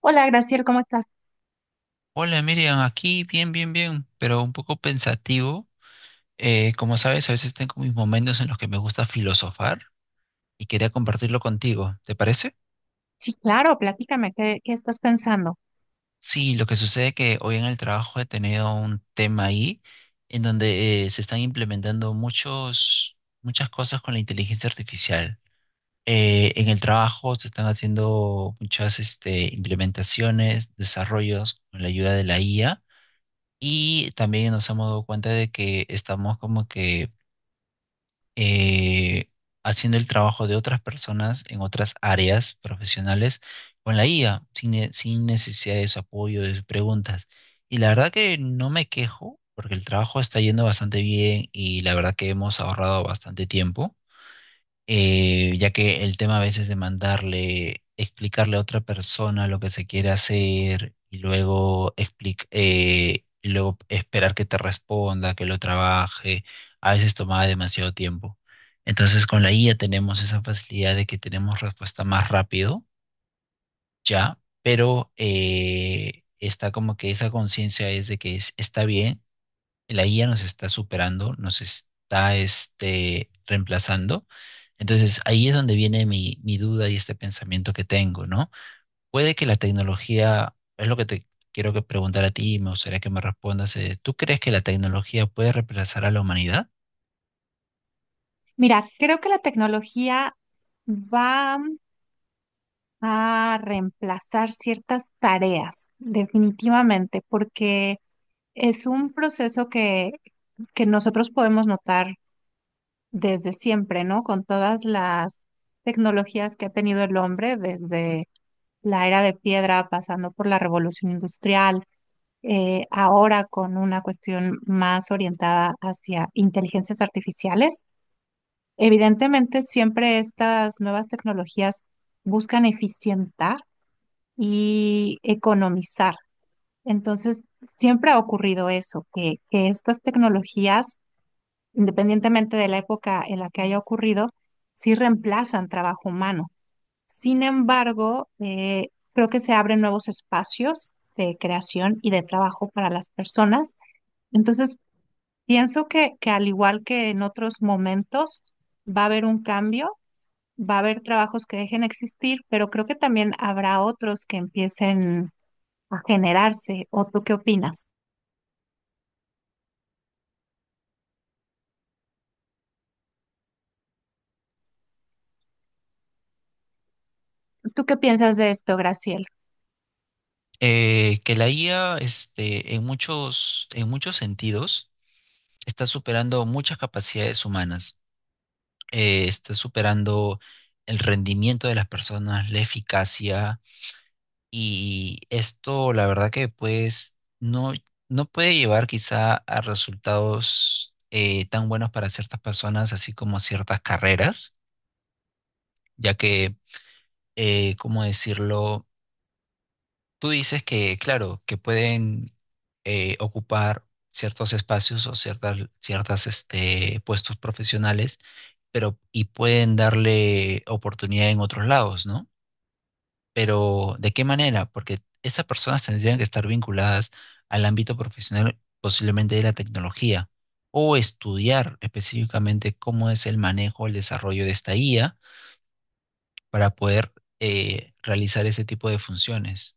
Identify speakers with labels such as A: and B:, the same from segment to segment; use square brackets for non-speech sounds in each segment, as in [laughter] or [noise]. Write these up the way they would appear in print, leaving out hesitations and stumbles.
A: Hola, Graciel, ¿cómo estás?
B: Hola Miriam, aquí bien, pero un poco pensativo. Como sabes, a veces tengo mis momentos en los que me gusta filosofar y quería compartirlo contigo. ¿Te parece?
A: Sí, claro, platícame, ¿qué estás pensando?
B: Sí, lo que sucede que hoy en el trabajo he tenido un tema ahí en donde se están implementando muchas cosas con la inteligencia artificial. En el trabajo se están haciendo muchas implementaciones, desarrollos con la ayuda de la IA y también nos hemos dado cuenta de que estamos como que eh, haciendo el trabajo de otras personas en otras áreas profesionales con la IA, sin necesidad de su apoyo, de sus preguntas. Y la verdad que no me quejo, porque el trabajo está yendo bastante bien y la verdad que hemos ahorrado bastante tiempo, ya que el tema a veces de mandarle, explicarle a otra persona lo que se quiere hacer y y luego esperar que te responda, que lo trabaje, a veces tomaba demasiado tiempo. Entonces con la IA tenemos esa facilidad de que tenemos respuesta más rápido, ya, pero está como que esa conciencia es de que está bien, la IA nos está superando, nos está reemplazando. Entonces ahí es donde viene mi duda y este pensamiento que tengo, ¿no? Puede que la tecnología, es lo que te quiero que preguntar a ti y me gustaría que me respondas, ¿tú crees que la tecnología puede reemplazar a la humanidad?
A: Mira, creo que la tecnología va a reemplazar ciertas tareas, definitivamente, porque es un proceso que nosotros podemos notar desde siempre, ¿no? Con todas las tecnologías que ha tenido el hombre, desde la era de piedra, pasando por la revolución industrial. Ahora con una cuestión más orientada hacia inteligencias artificiales. Evidentemente, siempre estas nuevas tecnologías buscan eficientar y economizar. Entonces, siempre ha ocurrido eso, que estas tecnologías, independientemente de la época en la que haya ocurrido, sí reemplazan trabajo humano. Sin embargo, creo que se abren nuevos espacios de creación y de trabajo para las personas. Entonces, pienso que al igual que en otros momentos va a haber un cambio, va a haber trabajos que dejen de existir, pero creo que también habrá otros que empiecen a generarse. ¿O tú qué opinas? ¿Tú qué piensas de esto, Graciela?
B: Que la IA en muchos sentidos está superando muchas capacidades humanas, está superando el rendimiento de las personas, la eficacia. Y esto, la verdad que no puede llevar quizá a resultados tan buenos para ciertas personas, así como ciertas carreras, ya que, ¿cómo decirlo? Tú dices que, claro, que pueden ocupar ciertos espacios o ciertas puestos profesionales, pero y pueden darle oportunidad en otros lados, ¿no? Pero, ¿de qué manera? Porque esas personas tendrían que estar vinculadas al ámbito profesional, posiblemente de la tecnología, o estudiar específicamente cómo es el manejo, el desarrollo de esta IA para poder realizar ese tipo de funciones.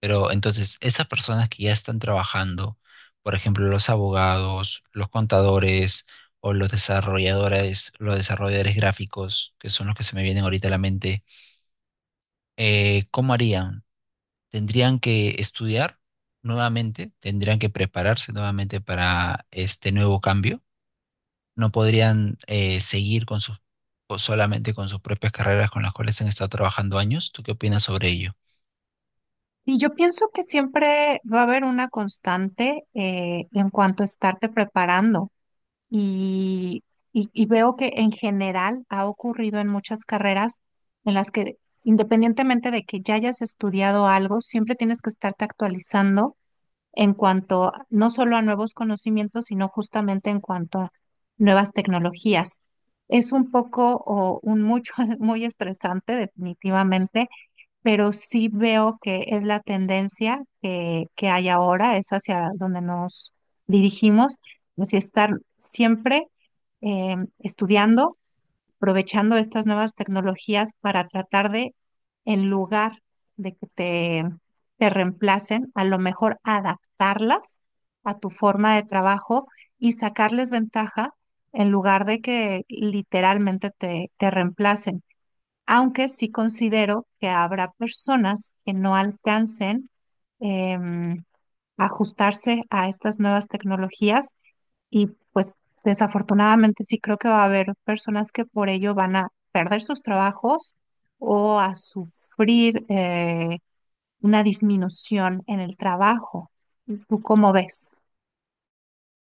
B: Pero entonces, esas personas que ya están trabajando, por ejemplo, los abogados, los contadores o los desarrolladores gráficos, que son los que se me vienen ahorita a la mente, ¿cómo harían? Tendrían que estudiar nuevamente, tendrían que prepararse nuevamente para este nuevo cambio. No podrían, seguir con o solamente con sus propias carreras con las cuales han estado trabajando años. ¿Tú qué opinas sobre ello?
A: Y yo pienso que siempre va a haber una constante en cuanto a estarte preparando. Y, y veo que en general ha ocurrido en muchas carreras en las que independientemente de que ya hayas estudiado algo, siempre tienes que estarte actualizando en cuanto a- no solo a nuevos conocimientos, sino justamente en cuanto a nuevas tecnologías. Es un poco o un mucho [laughs] muy estresante, definitivamente, pero sí veo que es la tendencia que hay ahora, es hacia donde nos dirigimos, es estar siempre estudiando, aprovechando estas nuevas tecnologías para tratar de, en lugar de que te reemplacen, a lo mejor adaptarlas a tu forma de trabajo y sacarles ventaja en lugar de que literalmente te reemplacen, aunque sí considero que habrá personas que no alcancen em, ajustarse a estas nuevas tecnologías y pues desafortunadamente sí creo que va a haber personas que por ello van a perder sus trabajos o a sufrir una disminución en el trabajo. ¿Tú cómo ves?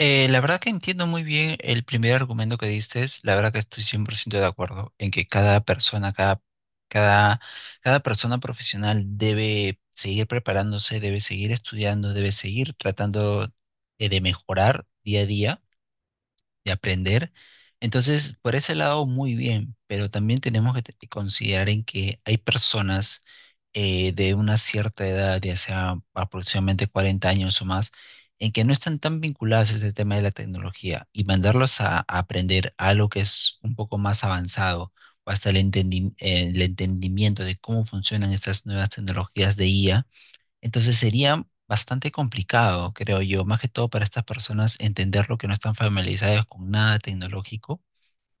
B: La verdad que entiendo muy bien el primer argumento que diste, la verdad que estoy 100% de acuerdo en que cada, cada persona profesional debe seguir preparándose, debe seguir estudiando, debe seguir tratando de mejorar día a día, de aprender. Entonces, por ese lado, muy bien, pero también tenemos que considerar en que hay personas de una cierta edad, ya sea aproximadamente 40 años o más, en que no están tan vinculadas a este tema de la tecnología y mandarlos a aprender algo que es un poco más avanzado o hasta el el entendimiento de cómo funcionan estas nuevas tecnologías de IA, entonces sería bastante complicado, creo yo, más que todo para estas personas entender lo que no están familiarizadas con nada tecnológico.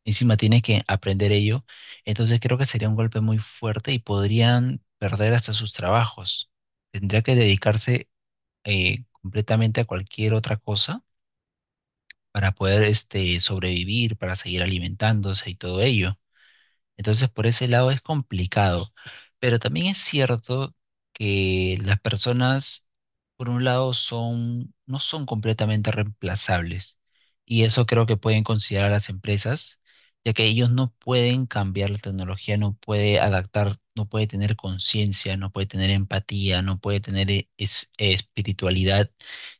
B: Encima tienes que aprender ello. Entonces creo que sería un golpe muy fuerte y podrían perder hasta sus trabajos. Tendría que dedicarse completamente a cualquier otra cosa para poder sobrevivir, para seguir alimentándose y todo ello. Entonces, por ese lado es complicado. Pero también es cierto que las personas, por un lado, no son completamente reemplazables. Y eso creo que pueden considerar las empresas, ya que ellos no pueden cambiar la tecnología, no puede adaptar, no puede tener conciencia, no puede tener empatía, no puede tener espiritualidad.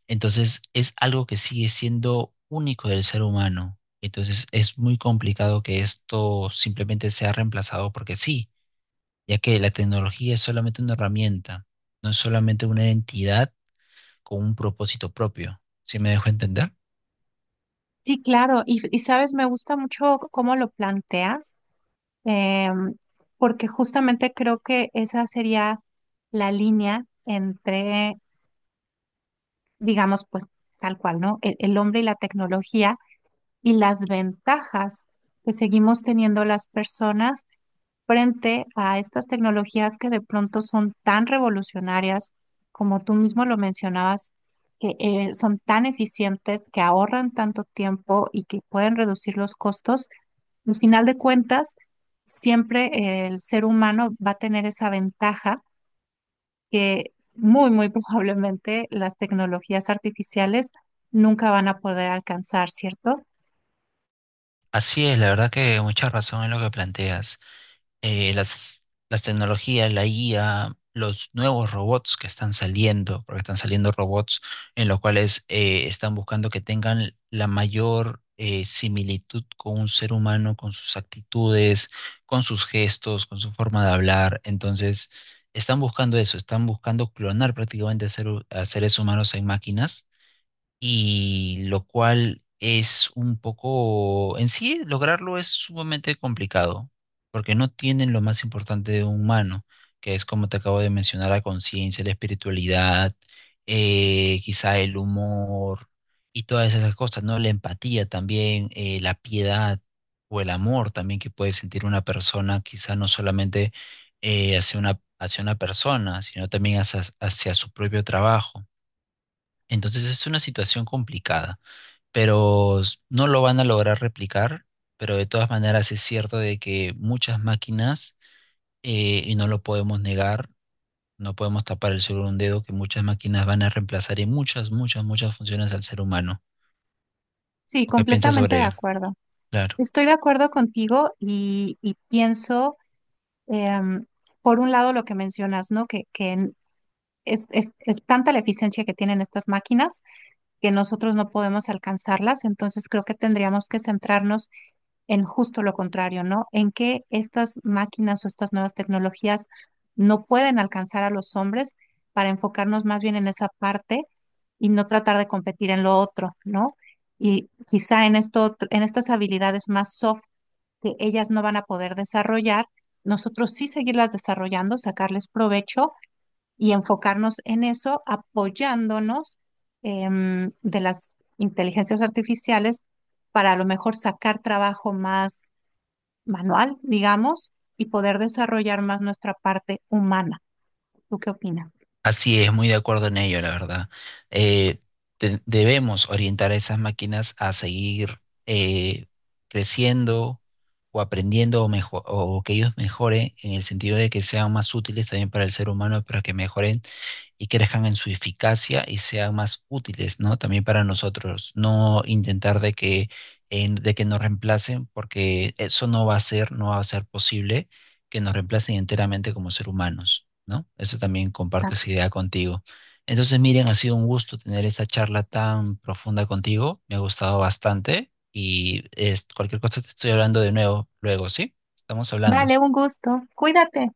B: Entonces, es algo que sigue siendo único del ser humano. Entonces es muy complicado que esto simplemente sea reemplazado porque sí, ya que la tecnología es solamente una herramienta, no es solamente una entidad con un propósito propio. ¿Sí me dejo entender?
A: Sí, claro. Y sabes, me gusta mucho cómo lo planteas, em, porque justamente creo que esa sería la línea entre, digamos, pues tal cual, ¿no? El hombre y la tecnología y las ventajas que seguimos teniendo las personas frente a estas tecnologías que de pronto son tan revolucionarias, como tú mismo lo mencionabas, que son tan eficientes, que ahorran tanto tiempo y que pueden reducir los costos al final de cuentas, siempre el ser humano va a tener esa ventaja que muy, muy [laughs] probablemente las tecnologías artificiales nunca van a poder alcanzar, ¿cierto?
B: Así es, la verdad que mucha razón en lo que planteas. eh, las, las tecnologías, la IA, los nuevos robots que están saliendo, porque están saliendo robots en los cuales están buscando que tengan la mayor similitud con un ser humano, con sus actitudes, con sus gestos, con su forma de hablar. Entonces, están buscando eso, están buscando clonar prácticamente a seres humanos en máquinas y lo cual es un poco, en sí, lograrlo es sumamente complicado, porque no tienen lo más importante de un humano, que es como te acabo de mencionar, la conciencia, la espiritualidad, quizá el humor y todas esas cosas, ¿no? La empatía también, la piedad o el amor también que puede sentir una persona, quizá no solamente hacia hacia una persona, sino también hacia su propio trabajo. Entonces es una situación complicada, pero no lo van a lograr replicar, pero de todas maneras es cierto de que muchas máquinas, y no lo podemos negar, no podemos tapar el sol con un dedo, que muchas máquinas van a reemplazar en muchas funciones al ser humano.
A: Sí,
B: ¿O qué piensas
A: completamente
B: sobre
A: de
B: ello?
A: acuerdo.
B: Claro.
A: Estoy de acuerdo contigo y pienso, em, por un lado, lo que mencionas, ¿no? Es, es tanta la eficiencia que tienen estas máquinas que nosotros no podemos alcanzarlas, entonces creo que tendríamos que centrarnos en justo lo contrario, ¿no? En que estas máquinas o estas nuevas tecnologías no pueden alcanzar a los hombres para enfocarnos más bien en esa parte y no tratar de competir en lo otro, ¿no? Y quizá en esto, otro- en estas habilidades más soft que ellas no van a poder desarrollar, nosotros sí seguirlas desarrollando, sacarles provecho y enfocarnos en eso apoyándonos de las inteligencias artificiales para a lo mejor sacar trabajo más manual, digamos, y poder desarrollar más nuestra parte humana. ¿Tú qué opinas?
B: Así es, muy de acuerdo en ello, la verdad. Eh, Debemos orientar a esas máquinas a seguir eh, creciendo o aprendiendo o que ellos mejoren en el sentido de que sean más útiles también para el ser humano, para que mejoren y crezcan en su eficacia y sean más útiles, ¿no? También para nosotros, no intentar de que, de que nos reemplacen, porque eso no va a ser posible que nos reemplacen enteramente como ser humanos. ¿No? Eso también comparto
A: Exacto.
B: esa idea contigo. Entonces, Miriam, ha sido un gusto tener esta charla tan profunda contigo. Me ha gustado bastante y es, cualquier cosa te estoy hablando de nuevo luego, ¿sí? Estamos hablando.
A: Vale, un gusto. Cuídate.